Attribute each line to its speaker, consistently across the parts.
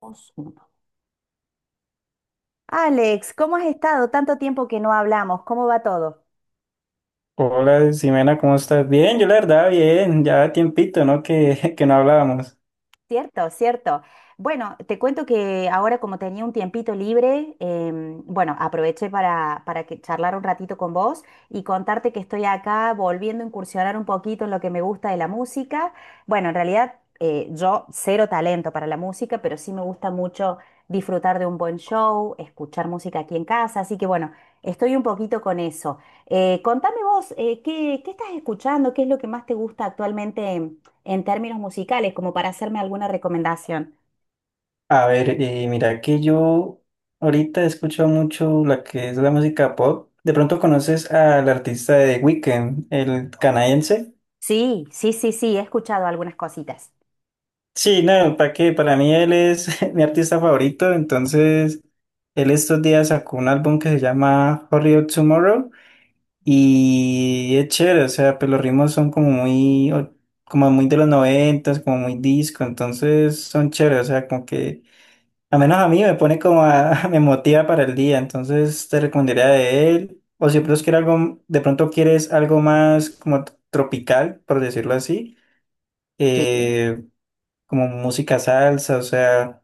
Speaker 1: Dos, uno. Alex, ¿cómo has estado? Tanto tiempo que no hablamos, ¿cómo va todo?
Speaker 2: Hola, Ximena, ¿cómo estás? Bien, yo la verdad, bien, ya tiempito, ¿no? Que no hablábamos.
Speaker 1: Cierto, cierto. Bueno, te cuento que ahora como tenía un tiempito libre, bueno, aproveché para que charlar un ratito con vos y contarte que estoy acá volviendo a incursionar un poquito en lo que me gusta de la música. Bueno, en realidad yo cero talento para la música, pero sí me gusta mucho disfrutar de un buen show, escuchar música aquí en casa, así que bueno, estoy un poquito con eso. Contame vos, ¿qué estás escuchando? ¿Qué es lo que más te gusta actualmente? En términos musicales, como para hacerme alguna recomendación.
Speaker 2: A ver, mira que yo ahorita escucho mucho la que es la música pop. ¿De pronto conoces al artista de Weekend, el canadiense?
Speaker 1: Sí, sí, sí, sí, he escuchado algunas cositas.
Speaker 2: Sí, no, ¿para qué? Para mí él es mi artista favorito, entonces él estos días sacó un álbum que se llama Hurry Up Tomorrow. Y es chévere, o sea, pues los ritmos son como como muy de los noventas, como muy disco, entonces son chéveres, o sea, como que, al menos a mí me pone me motiva para el día, entonces te recomendaría de él, o si de pronto quieres algo, de pronto quieres algo más como tropical, por decirlo así,
Speaker 1: Sí.
Speaker 2: eh, como música salsa, o sea,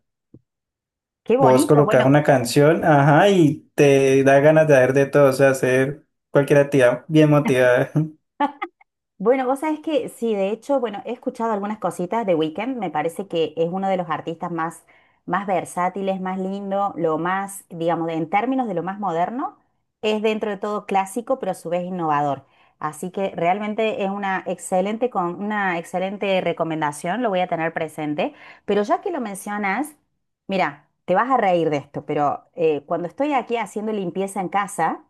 Speaker 1: Qué
Speaker 2: vos
Speaker 1: bonito.
Speaker 2: colocas
Speaker 1: Bueno,
Speaker 2: una canción, ajá, y te da ganas de hacer de todo, o sea, hacer cualquier actividad bien motivada.
Speaker 1: Bueno, vos sabés que sí, de hecho, bueno, he escuchado algunas cositas de Weekend, me parece que es uno de los artistas más versátiles, más lindo, lo más, digamos, en términos de lo más moderno, es dentro de todo clásico, pero a su vez innovador. Así que realmente es con una excelente recomendación, lo voy a tener presente. Pero ya que lo mencionas, mira, te vas a reír de esto, pero cuando estoy aquí haciendo limpieza en casa,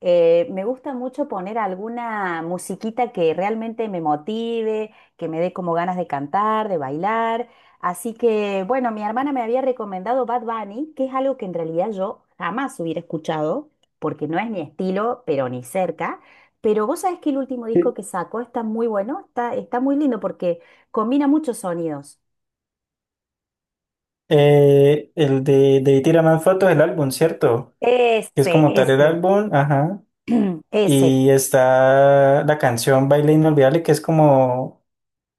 Speaker 1: me gusta mucho poner alguna musiquita que realmente me motive, que me dé como ganas de cantar, de bailar. Así que, bueno, mi hermana me había recomendado Bad Bunny, que es algo que en realidad yo jamás hubiera escuchado, porque no es mi estilo, pero ni cerca. Pero vos sabés que el último disco que sacó está muy bueno, está muy lindo porque combina muchos sonidos.
Speaker 2: De ahí tira más fotos del álbum, ¿cierto? Que es
Speaker 1: Ese,
Speaker 2: como tal el
Speaker 1: ese,
Speaker 2: álbum, ajá.
Speaker 1: ese.
Speaker 2: Y está la canción Baile Inolvidable, que es como,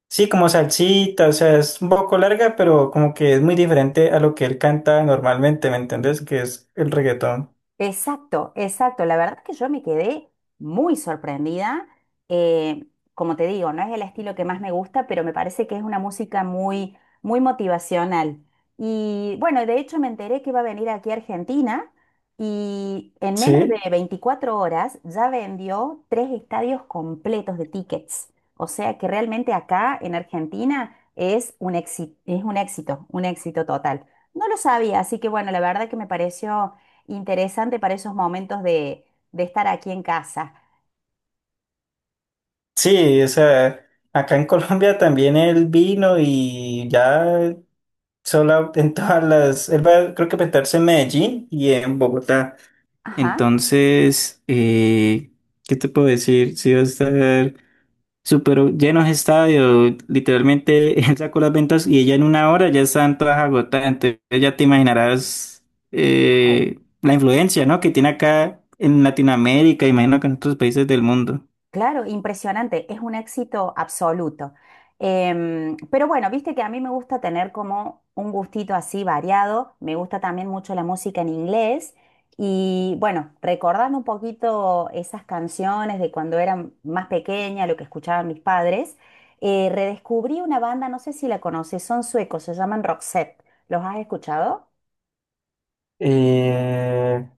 Speaker 2: sí, como salsita, o sea, es un poco larga, pero como que es muy diferente a lo que él canta normalmente, ¿me entendés? Que es el reggaetón.
Speaker 1: Exacto, exacto. La verdad que yo me quedé muy sorprendida. Eh, como te digo, no es el estilo que más me gusta, pero me parece que es una música muy, muy motivacional. Y bueno, de hecho me enteré que va a venir aquí a Argentina y en menos de
Speaker 2: Sí,
Speaker 1: 24 horas ya vendió tres estadios completos de tickets. O sea que realmente acá en Argentina es un éxito total. No lo sabía, así que bueno, la verdad que me pareció interesante para esos momentos de estar aquí en casa.
Speaker 2: sí, o sea, acá en Colombia también él vino y ya solo en todas las, él va, creo que a presentarse en Medellín y en Bogotá.
Speaker 1: Ajá.
Speaker 2: Entonces, ¿qué te puedo decir? Sí va a estar súper llenos de estadio. Literalmente, él sacó las ventas y ella en una hora ya están todas agotadas. Entonces, ya te imaginarás
Speaker 1: Au.
Speaker 2: la influencia, ¿no? que tiene acá en Latinoamérica, imagino que en otros países del mundo.
Speaker 1: Claro, impresionante. Es un éxito absoluto. Pero bueno, viste que a mí me gusta tener como un gustito así variado. Me gusta también mucho la música en inglés. Y bueno, recordando un poquito esas canciones de cuando era más pequeña, lo que escuchaban mis padres, redescubrí una banda, no sé si la conoces, son suecos, se llaman Roxette. ¿Los has escuchado?
Speaker 2: Eh,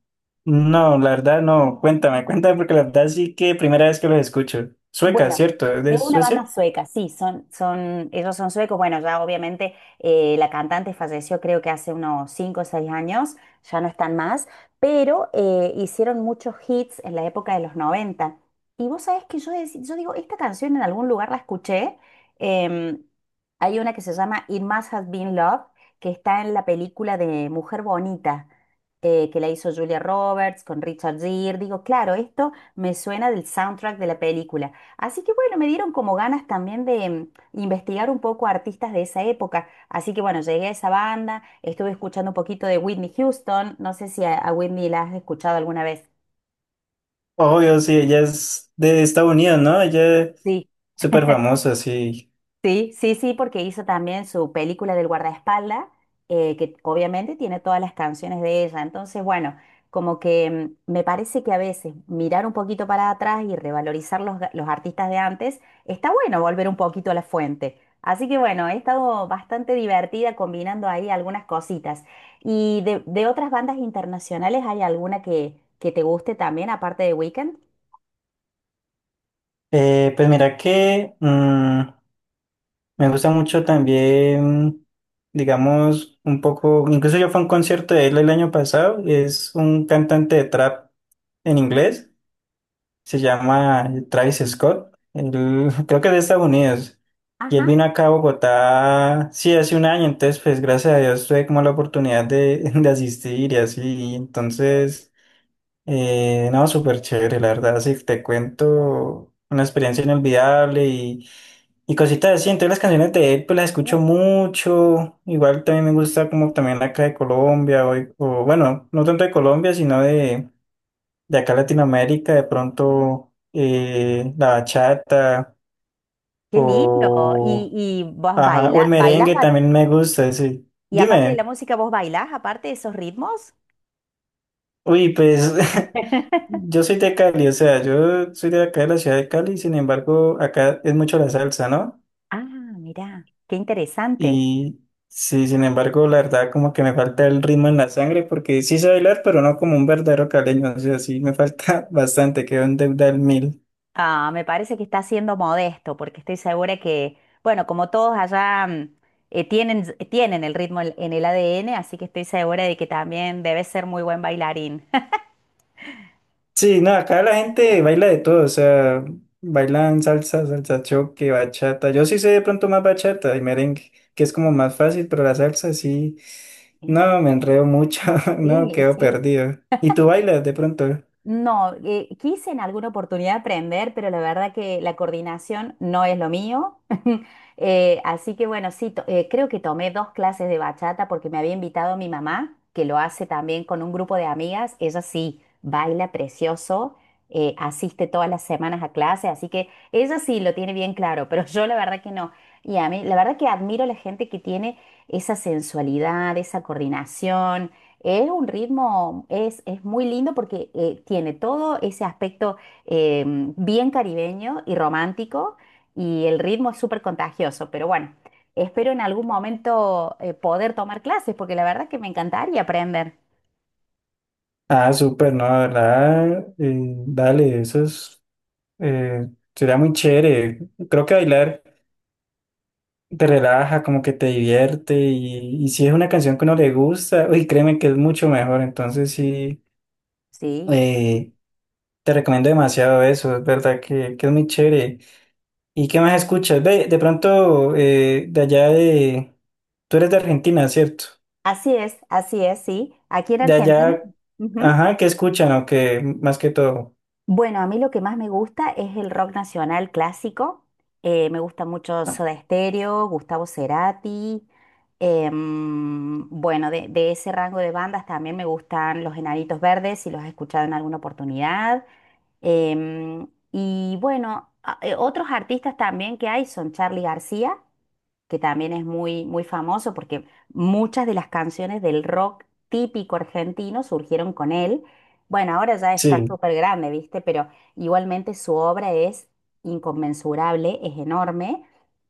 Speaker 2: no, la verdad no. Cuéntame, cuéntame porque la verdad sí que primera vez que los escucho. Sueca,
Speaker 1: Bueno,
Speaker 2: ¿cierto? ¿Es de
Speaker 1: es una banda
Speaker 2: Suecia?
Speaker 1: sueca, sí, ellos son suecos. Bueno, ya obviamente la cantante falleció creo que hace unos 5 o 6 años, ya no están más, pero hicieron muchos hits en la época de los 90. Y vos sabés que yo digo, esta canción en algún lugar la escuché. em, Hay una que se llama It Must Have Been Love, que está en la película de Mujer Bonita, que la hizo Julia Roberts con Richard Gere. Digo, claro, esto me suena del soundtrack de la película. Así que bueno, me dieron como ganas también de investigar un poco artistas de esa época. Así que bueno, llegué a esa banda, estuve escuchando un poquito de Whitney Houston. No sé si a Whitney la has escuchado alguna vez.
Speaker 2: Obvio, sí, ella es de Estados Unidos, ¿no? Ella es súper famosa, sí.
Speaker 1: Sí, sí, sí, porque hizo también su película del guardaespaldas, que obviamente tiene todas las canciones de ella. Entonces, bueno, como que me parece que a veces mirar un poquito para atrás y revalorizar los artistas de antes, está bueno volver un poquito a la fuente. Así que bueno, he estado bastante divertida combinando ahí algunas cositas. ¿Y de otras bandas internacionales hay alguna que te guste también, aparte de Weekend?
Speaker 2: Pues mira que me gusta mucho también, digamos, un poco, incluso yo fui a un concierto de él el año pasado, es un cantante de trap en
Speaker 1: Mm.
Speaker 2: inglés, se llama Travis Scott, él, creo que es de Estados Unidos, y él
Speaker 1: Ajá.
Speaker 2: vino acá a Bogotá, sí, hace un año, entonces pues gracias a Dios tuve como la oportunidad de, de asistir y así, entonces... no, súper chévere, la verdad, sí, te cuento una experiencia inolvidable y cositas así. Entonces las canciones de él, pues las escucho
Speaker 1: Bien.
Speaker 2: mucho. Igual también me gusta como también acá de Colombia, bueno, no tanto de Colombia, sino de acá Latinoamérica, de pronto la bachata
Speaker 1: Qué lindo. ¿Y,
Speaker 2: o,
Speaker 1: y vos
Speaker 2: ajá, o el
Speaker 1: bailas?
Speaker 2: merengue también me gusta, sí.
Speaker 1: Y aparte de la
Speaker 2: Dime,
Speaker 1: música, ¿vos bailás aparte de esos ritmos?
Speaker 2: uy, pues yo soy de Cali, o sea, yo soy de acá de la ciudad de Cali, sin embargo, acá es mucho la salsa, ¿no?
Speaker 1: Ah, mirá, qué interesante.
Speaker 2: Y sí, sin embargo, la verdad, como que me falta el ritmo en la sangre, porque sí sé bailar, pero no como un verdadero caleño, o sea, sí me falta bastante, quedo en deuda al mil.
Speaker 1: Ah, me parece que está siendo modesto, porque estoy segura que, bueno, como todos allá tienen el ritmo en el ADN, así que estoy segura de que también debes ser muy buen bailarín.
Speaker 2: Sí, no, acá la gente baila de todo, o sea, bailan salsa, salsa choque, bachata. Yo sí sé de pronto más bachata y merengue, que es como más fácil, pero la salsa sí,
Speaker 1: Sí,
Speaker 2: no, me enredo mucho, no,
Speaker 1: sí,
Speaker 2: quedo
Speaker 1: sí.
Speaker 2: perdido. ¿Y tú bailas de pronto?
Speaker 1: No, quise en alguna oportunidad aprender, pero la verdad que la coordinación no es lo mío. Así que bueno, sí, creo que tomé dos clases de bachata porque me había invitado mi mamá, que lo hace también con un grupo de amigas. Ella sí baila precioso, asiste todas las semanas a clase, así que ella sí lo tiene bien claro, pero yo la verdad que no. Y a mí, la verdad que admiro a la gente que tiene esa sensualidad, esa coordinación. Es un ritmo, es muy lindo porque tiene todo ese aspecto eh, bien caribeño y romántico y el ritmo es súper contagioso, pero bueno, espero en algún momento poder tomar clases porque la verdad que me encantaría aprender.
Speaker 2: Ah, súper, no, la verdad, dale, eso es, eh, sería muy chévere. Creo que bailar te relaja, como que te divierte y si es una canción que uno le gusta, uy, créeme que es mucho mejor, entonces sí,
Speaker 1: Sí,
Speaker 2: eh, te recomiendo demasiado eso, es verdad que es muy chévere. ¿Y qué más escuchas? Ve, de pronto, de allá de, tú eres de Argentina, ¿cierto?
Speaker 1: así es, sí. Aquí en
Speaker 2: De
Speaker 1: Argentina.
Speaker 2: allá,
Speaker 1: Ujú.
Speaker 2: ajá, ¿qué escuchan o qué más que todo?
Speaker 1: Bueno, a mí lo que más me gusta es el rock nacional clásico. Me gusta mucho
Speaker 2: Ah,
Speaker 1: Soda Stereo, Gustavo Cerati. Bueno, de ese rango de bandas también me gustan Los Enanitos Verdes, si los has escuchado en alguna oportunidad. em, y bueno, otros artistas también que hay son Charly García que también es muy, muy famoso porque muchas de las canciones del rock típico argentino surgieron con él. Bueno, ahora ya está
Speaker 2: sí.
Speaker 1: súper grande, ¿viste? Pero igualmente su obra es inconmensurable, es enorme.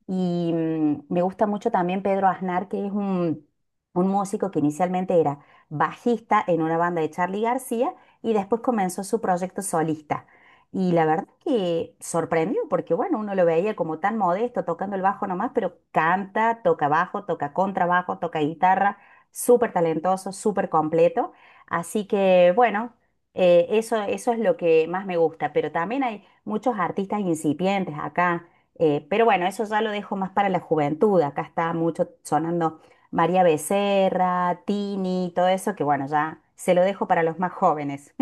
Speaker 1: Y me gusta mucho también Pedro Aznar, que es un músico que inicialmente era bajista en una banda de Charly García y después comenzó su proyecto solista. Y la verdad que sorprendió, porque bueno, uno lo veía como tan modesto, tocando el bajo nomás, pero canta, toca bajo, toca contrabajo, toca guitarra, súper talentoso, súper completo. Así que bueno, eso es lo que más me gusta, pero también hay muchos artistas incipientes acá. Pero bueno, eso ya lo dejo más para la juventud. Acá está mucho sonando María Becerra, Tini, todo eso, que bueno, ya se lo dejo para los más jóvenes.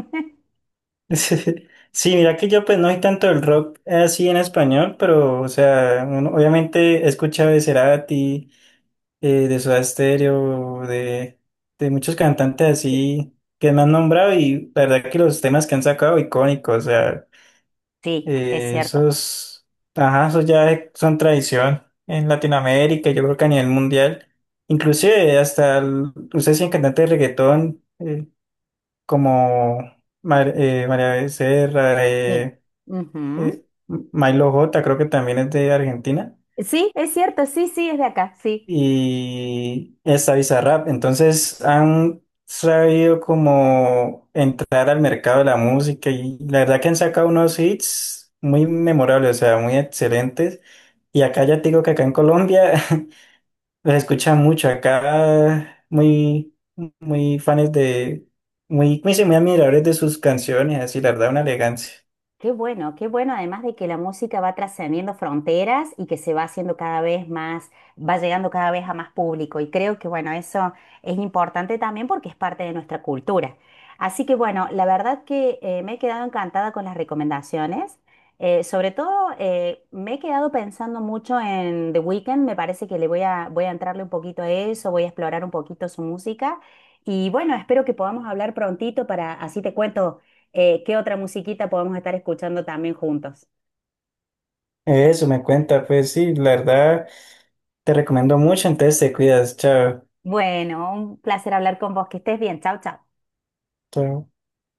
Speaker 2: Sí, mira que yo pues no hay tanto el rock así en español, pero o sea, obviamente he escuchado de Cerati, de Soda Stereo, de muchos cantantes así que me han nombrado y la verdad que los temas que han sacado icónicos, o sea,
Speaker 1: Sí, es cierto.
Speaker 2: esos, ajá, esos ya son tradición en Latinoamérica, yo creo que a nivel mundial, inclusive hasta, ustedes tienen cantantes de reggaetón como... María Becerra,
Speaker 1: Sí. Ujú.
Speaker 2: eh, Milo J creo que también es de Argentina
Speaker 1: Sí, es cierto, sí, sí, es de acá, sí.
Speaker 2: y esta Bizarrap. Entonces han sabido como entrar al mercado de la música y la verdad que han sacado unos hits muy memorables, o sea, muy excelentes. Y acá ya te digo que acá en Colombia los escuchan mucho, acá muy, muy fans de, muy, muy, sí, muy admiradores de sus canciones, así la verdad una elegancia.
Speaker 1: Qué bueno, además de que la música va trascendiendo fronteras y que se va haciendo cada vez más, va llegando cada vez a más público. Y creo que, bueno, eso es importante también porque es parte de nuestra cultura. Así que, bueno, la verdad que me he quedado encantada con las recomendaciones. Sobre todo, me he quedado pensando mucho en The Weeknd. Me parece que le voy a entrarle un poquito a eso, voy a explorar un poquito su música. Y bueno, espero que podamos hablar prontito para así te cuento ¿qué otra musiquita podemos estar escuchando también juntos?
Speaker 2: Eso me cuenta, pues sí, la verdad. Te recomiendo mucho, entonces te cuidas. Chao.
Speaker 1: Bueno, un placer hablar con vos. Que estés bien. Chau, chau.
Speaker 2: Chao.